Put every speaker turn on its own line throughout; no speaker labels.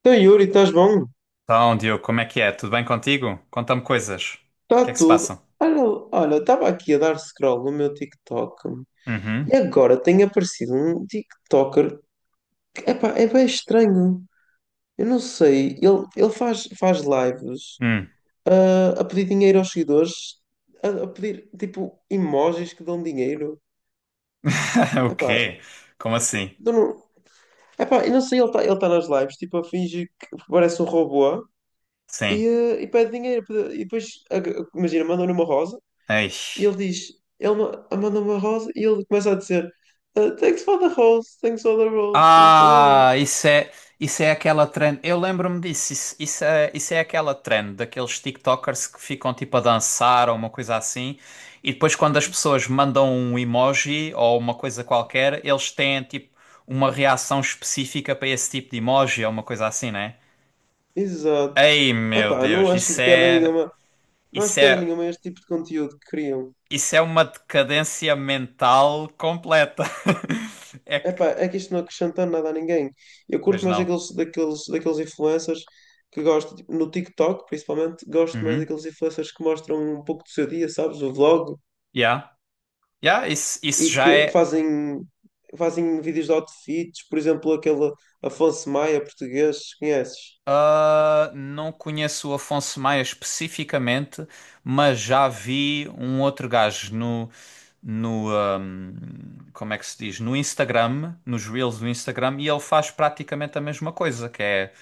Então, Yuri, estás bom?
Então, Diogo, como é que é? Tudo bem contigo? Conta-me coisas. O que é
Está
que se
tudo.
passa?
Olha, olha, estava aqui a dar scroll no meu TikTok
Uhum.
e agora tem aparecido um TikToker que epá, é bem estranho. Eu não sei, ele faz lives
Hum.
a pedir dinheiro aos seguidores, a pedir tipo emojis que dão dinheiro.
O
Epá,
quê? Como assim?
eu não, epá, eu não sei, ele tá nas lives tipo a fingir que parece um robô e,
Sim.
ah, e pede dinheiro. E depois, imagina, mandam-lhe uma rosa.
Ei.
E ele diz, manda-me a Rose e ele começa a dizer "Ah, thanks for the Rose, thanks for the Rose, thanks for the Rose."
Ah, isso é, isso é aquela trend. Eu lembro-me disso. Isso é aquela trend daqueles TikTokers que ficam tipo a dançar ou uma coisa assim. E depois, quando as pessoas mandam um emoji ou uma coisa qualquer, eles têm tipo uma reação específica para esse tipo de emoji ou uma coisa assim, né?
Exato.
Ei, meu
Epá, não
Deus,
acho
isso
de piada
é.
nenhuma, não acho
Isso
piada
é,
nenhuma este tipo de conteúdo que criam.
isso é uma decadência mental completa. É
Epá,
que.
é que isto não acrescenta nada a ninguém. Eu
Pois
curto mais
não.
daqueles influencers que gosto, tipo, no TikTok principalmente, gosto mais
Uhum.
daqueles influencers que mostram um pouco do seu dia, sabes? O vlog
Yeah. Yeah,
e
isso já
que
é.
fazem, fazem vídeos de outfits, por exemplo, aquele Afonso Maia português, conheces?
Ah, não conheço o Afonso Maia especificamente, mas já vi um outro gajo no como é que se diz? No Instagram, nos Reels do Instagram, e ele faz praticamente a mesma coisa, que é,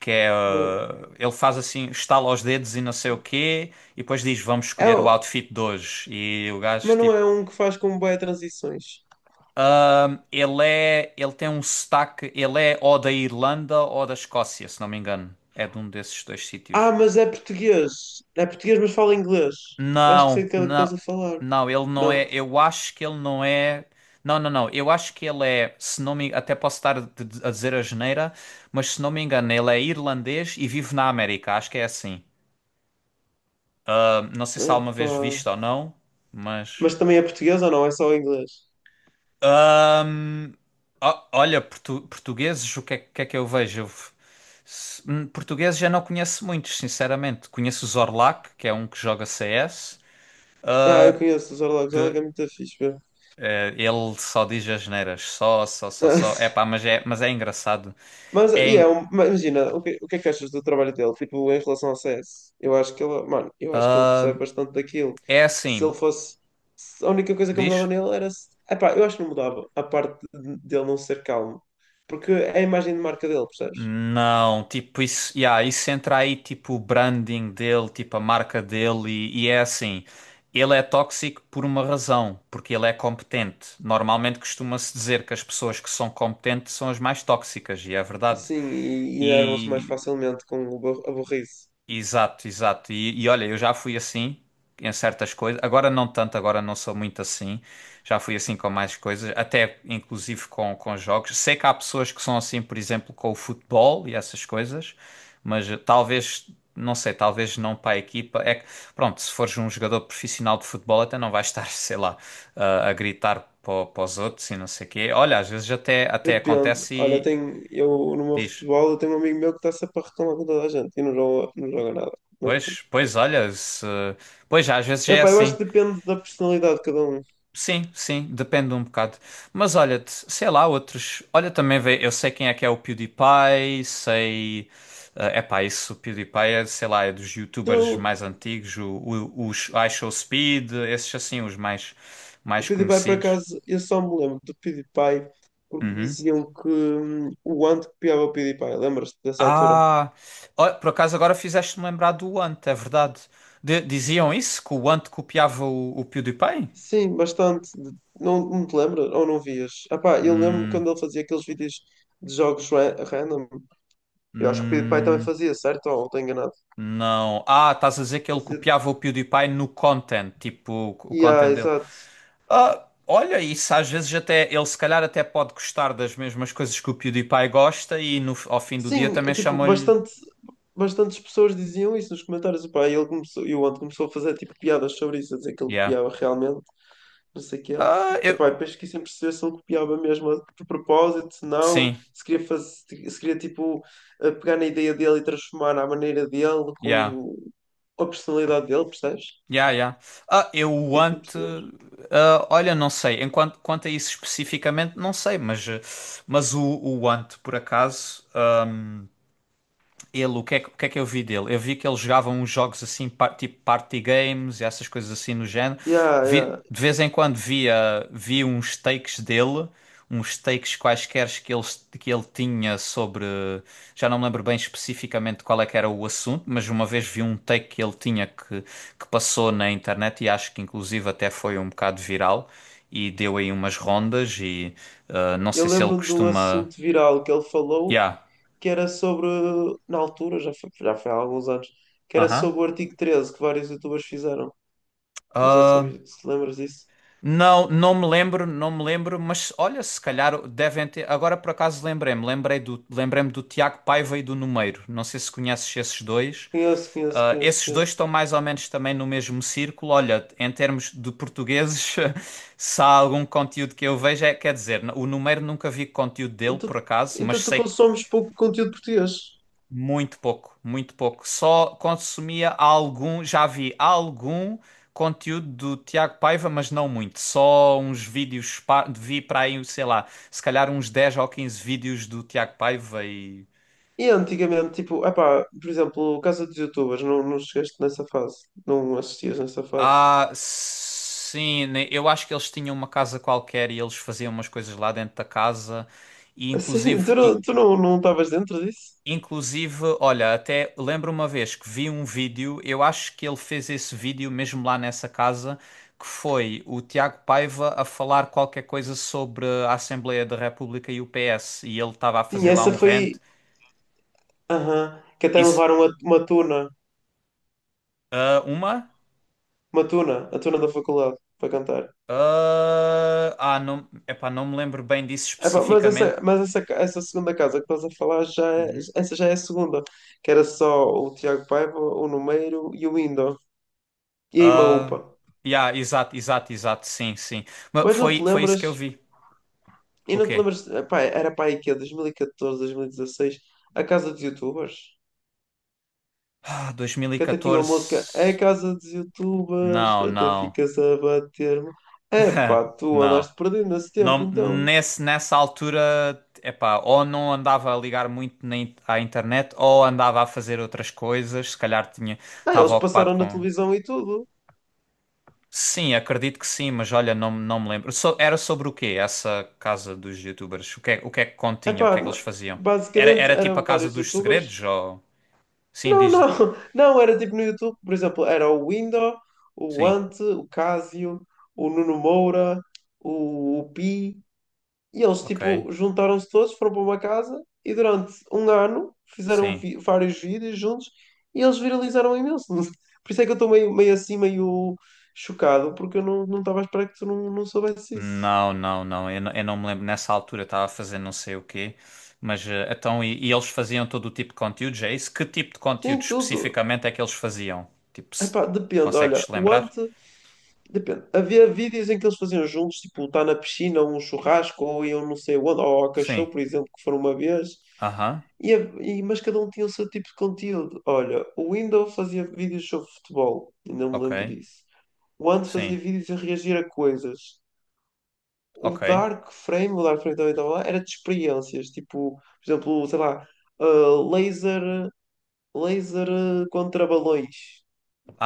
que é,
Bem,
ah, ele faz assim, estala os dedos e não sei o quê, e depois diz, vamos
é,
escolher o
o-
outfit de hoje. E o gajo,
mas não
tipo,
é um que faz com boas transições.
ele tem um sotaque, ele é ou da Irlanda ou da Escócia, se não me engano. É de um desses dois
Ah,
sítios.
mas é português. É português, mas fala inglês. Eu acho que sei
Não,
aquele que estás
não,
a falar.
não, ele não
Não.
é. Eu acho que ele não é. Não, não, não. Eu acho que ele é, se não me, até posso estar a dizer a geneira, mas se não me engano, ele é irlandês e vive na América. Acho que é assim. Não sei se alguma
Epá.
vez visto ou não, mas.
Mas também é português ou não? É só inglês?
Hum, olha, portugueses, que é que eu vejo? Eu f- se- portugueses já não conheço muitos, sinceramente. Conheço o Zorlak, que é um que joga CS.
Ah, eu conheço os Orlogos. Orlogos é muito fixe, meu.
Ele só diz as asneiras, só. É pá, mas é engraçado.
Mas,
É,
e é
en-
um- mas imagina, o que é que achas do trabalho dele? Tipo, em relação ao CS? Eu acho que ele, mano, eu acho que ele percebe bastante daquilo.
é
Se
assim,
ele fosse. Se a única coisa que eu mudava
diz?
nele era. Epá, eu acho que não mudava a parte dele não ser calmo. Porque é a imagem de marca dele, percebes?
Não, tipo, isso, yeah, isso entra aí, tipo, o branding dele, tipo, a marca dele, e é assim. Ele é tóxico por uma razão, porque ele é competente. Normalmente costuma-se dizer que as pessoas que são competentes são as mais tóxicas, e é verdade.
Sim, e enervam-se mais
E
facilmente com o a burrice.
exato, exato. E olha, eu já fui assim em certas coisas. Agora não tanto, agora não sou muito assim. Já fui assim com mais coisas, até inclusive com jogos. Sei que há pessoas que são assim, por exemplo, com o futebol e essas coisas, mas eh, talvez, não sei, talvez não para a equipa. É que, pronto, se fores um jogador profissional de futebol, até não vais estar, sei lá, a gritar para os outros e não sei o quê. Olha, às vezes até, até
Depende.
acontece
Olha, eu
e
tenho, eu no meu
diz.
futebol, eu tenho um amigo meu que está sempre a reclamar com toda a gente e não joga, não joga nada. Mas
Pois, pois, olha, se... pois às vezes é
epá, eu acho
assim.
que depende da personalidade de cada um.
Sim, sim, depende um bocado. Mas olha-te, sei lá, outros. Olha, também vê, eu sei quem é que é o PewDiePie, sei. É epá, isso, o PewDiePie é, sei lá, é dos YouTubers
Tu
mais antigos, os iShowSpeed, esses assim,
O
mais
PewDiePie, por
conhecidos.
acaso, eu só me lembro do PewDiePie porque
Uhum.
diziam que o Ant copiava o PewDiePie. Lembras-te dessa altura?
Ah, ó, por acaso agora fizeste-me lembrar do Ant, é verdade. Diziam isso, que o Ant copiava o PewDiePie?
Sim, bastante. Não, não te lembras ou não vias? Epá, eu lembro
Hum,
quando ele fazia aqueles vídeos de jogos random. Eu acho que o PewDiePie também
hum.
fazia, certo? Ou estou enganado?
Não. Ah, estás a dizer que ele
Fazia...
copiava o PewDiePie no content, tipo o
Yeah,
content dele.
exato.
Ah, olha, isso às vezes até ele se calhar até pode gostar das mesmas coisas que o PewDiePie gosta e no, ao fim do dia
Sim,
também
tipo,
chamam-lhe.
bastante, bastantes pessoas diziam isso nos comentários. Epá, e ele começou, e o Ant começou a fazer tipo piadas sobre isso, a dizer que ele
Yeah.
copiava realmente, não sei o quê.
Ah, eu.
Epá, e depois fiquei sem perceber se ele copiava mesmo de propósito, se não,
Sim,
se queria fazer, se queria tipo pegar na ideia dele e transformar à maneira dele
yeah.
com a personalidade dele, percebes?
Yeah, yeah. Ah, eu
Fiquei sem
ante.
perceber.
Ah, olha, não sei. Enquanto, quanto a isso especificamente, não sei, mas, eh, mas o ante, por acaso. Ele, que o que é que eu vi dele? Eu vi que ele jogava uns jogos assim, tipo party games e essas coisas assim no género.
Yeah, yeah.
De vez em quando via uns takes dele, uns takes quaisquer que ele tinha sobre. Já não me lembro bem especificamente qual é que era o assunto, mas uma vez vi um take que ele tinha que passou na internet e acho que inclusive até foi um bocado viral e deu aí umas rondas e ah, não
Eu
sei se ele
lembro-me de um
costuma.
assunto viral que ele falou,
Yeah.
que era sobre, na altura, já foi há alguns anos, que era
Aham.
sobre o artigo 13 que vários youtubers fizeram. Não sei se, se te lembras disso.
Não, não me lembro, mas olha, se calhar devem ter. Agora por acaso lembrei-me, lembrei-me do Tiago Paiva e do Numeiro. Não sei se conheces esses dois.
Conheço, conheço,
Ah,
conheço,
esses
conheço.
dois estão mais ou menos também no mesmo círculo. Olha, em termos de portugueses, se há algum conteúdo que eu vejo, é, quer dizer, o Numeiro nunca vi conteúdo dele,
Então,
por acaso, mas
então tu
sei
consomes pouco conteúdo português.
muito pouco, muito pouco. Só consumia algum, já vi algum conteúdo do Tiago Paiva, mas não muito. Só uns vídeos, vi para aí, sei lá, se calhar uns 10 ou 15 vídeos do Tiago Paiva e.
E antigamente, tipo, epá, por exemplo, o caso dos Youtubers, não, não chegaste nessa fase, não assistias nessa fase.
Ah, sim, né, eu acho que eles tinham uma casa qualquer e eles faziam umas coisas lá dentro da casa. E
Assim,
inclusive.
tu não, não estavas dentro disso?
Inclusive, olha, até lembro uma vez que vi um vídeo, eu acho que ele fez esse vídeo mesmo lá nessa casa, que foi o Tiago Paiva a falar qualquer coisa sobre a Assembleia da República e o PS, e ele estava a
Sim,
fazer lá
essa
um
foi.
rant.
Aham, que até
Isso,
levaram uma tuna,
ah, uma?
a tuna da faculdade, para cantar.
Ah, ah, não, epá, não me lembro bem disso
Epá,
especificamente.
mas essa segunda casa que estás a falar,
Uhum.
essa já é a segunda, que era só o Tiago Paiva, o Numeiro e o Indo, e a
Ah,
Imaúpa.
yeah, exato, sim, sim. Mas
Mas não te
foi, foi isso
lembras,
que eu vi.
e
O
não te
quê?
lembras, epá, era para aí que é, 2014, 2016 a casa dos youtubers?
Ah,
Que até tinha uma
2014?
música é Casa dos Youtubers,
Não,
até
não.
ficas a bater-me. É pá, tu
Não.
andaste perdendo nesse tempo,
Não,
então.
nessa altura, epá, ou não andava a ligar muito à internet, ou andava a fazer outras coisas, se calhar tinha,
Ah, eles
estava ocupado
passaram na
com...
televisão e tudo.
Sim, acredito que sim, mas olha, não, não me lembro. Era sobre o quê, essa casa dos youtubers? O que é que
É
continha? O
pá,
que é que eles faziam?
basicamente
Era tipo a
eram
casa
vários
dos segredos,
YouTubers.
ou... Sim,
Não,
diz.
não, não, era tipo no YouTube, por exemplo, era o Window, o
Sim,
Ante, o Casio, o Nuno Moura, o Pi. E eles,
ok,
tipo, juntaram-se todos, foram para uma casa e durante um ano fizeram
sim.
vários vídeos juntos e eles viralizaram imenso. Por isso é que eu estou meio assim, meio chocado, porque eu não estava à espera que tu não soubesse isso.
Não. Eu, eu não me lembro. Nessa altura eu estava a fazer não sei o quê. Mas eh, então, e eles faziam todo o tipo de conteúdos, é isso? Que tipo de conteúdo
Sim, tudo.
especificamente é que eles faziam? Tipo, se-
Epá, depende, olha,
Consegues-te
o
lembrar?
Ante, depende. Havia vídeos em que eles faziam juntos, tipo, estar na piscina, ou um churrasco, ou iam não sei onde, ou ao
Sim.
cachorro, por exemplo, que foram uma vez,
Aham.
e, mas cada um tinha o seu tipo de conteúdo. Olha, o Windows fazia vídeos sobre futebol, ainda me
Ok.
lembro disso. O Ante fazia
Sim.
vídeos a reagir a coisas.
Ok.
O Dark Frame também estava lá, era de experiências, tipo, por exemplo, sei lá, ah, laser, laser contra balões.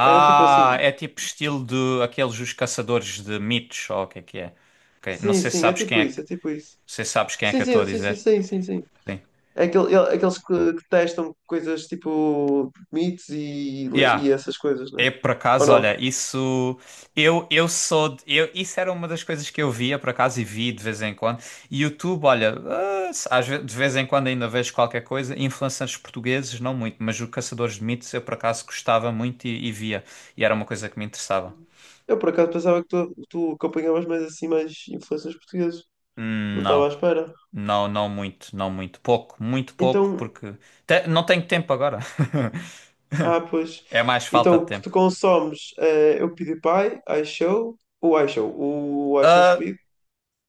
Era tipo assim.
é tipo estilo de aqueles os caçadores de mitos, ou o que é que é? Ok. Não
Sim,
sei se
sim, é
sabes quem
tipo
é que,
isso, é
não
tipo isso.
sei se sabes quem é
Sim,
que eu estou a
sim, sim, sim,
dizer.
sim, sim, sim.
Sim.
É aquele, aqueles que testam coisas tipo mitos e
Yeah.
essas coisas, né?
É por
Ou
acaso, olha,
não?
isso eu eu isso era uma das coisas que eu via por acaso e vi de vez em quando. E YouTube, olha, ah, de vez em quando ainda vejo qualquer coisa. Influencers portugueses não muito, mas o Caçadores de Mitos eu por acaso gostava muito e via e era uma coisa que me interessava.
Eu por acaso pensava que tu acompanhavas mais assim mais influências portuguesas. Não estava à
Não,
espera.
não, não muito, pouco, muito pouco
Então,
porque não tenho tempo agora.
ah, pois.
É mais
Então,
falta de
o que tu
tempo.
consomes é o PewDiePie, o iShow
Ah,
Speed.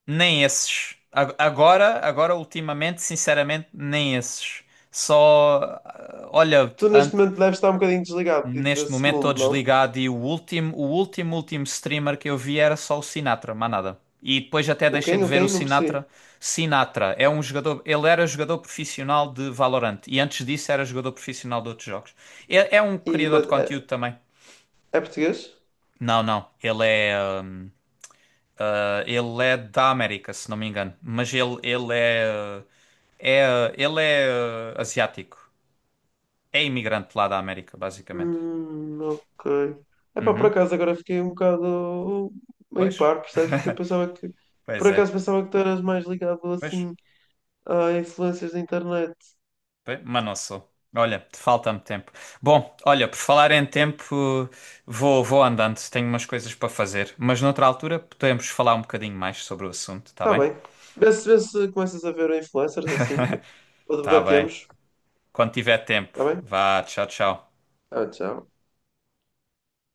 nem esses. Agora, agora ultimamente, sinceramente, nem esses. Só, ah, olha,
Tu neste momento deves estar um bocadinho desligado
neste
desse
momento estou
mundo, não?
desligado e último streamer que eu vi era só o Sinatra, mais nada. E depois até
O
deixei
quem?
de
O
ver o
quem? Não percebi.
Sinatra. Sinatra é um jogador, ele era jogador profissional de Valorant e antes disso era jogador profissional de outros jogos. É, é um
E,
criador de
mas
conteúdo
é,
também.
é português?
Não, não, ele é, ah, ele é da América, se não me engano. Ele é, é. Ele é ah, asiático. É imigrante lá da América, basicamente.
Ok. Epá, por
Uhum.
acaso agora fiquei um bocado meio
Pois.
par, percebes? Porque eu pensava que. Por
Pois é.
acaso pensava que tu eras mais ligado
Pois.
assim a influências da internet.
Bem, mas não sou. Olha, falta-me tempo. Bom, olha, por falar em tempo, vou andando. Tenho umas coisas para fazer. Mas noutra altura podemos falar um bocadinho mais sobre o assunto, tá
Tá
bem?
bem. Vê se começas a ver influencers assim, que
Tá bem.
debatemos.
Quando tiver tempo.
Tá bem?
Vá, tchau, tchau.
Ah, tchau.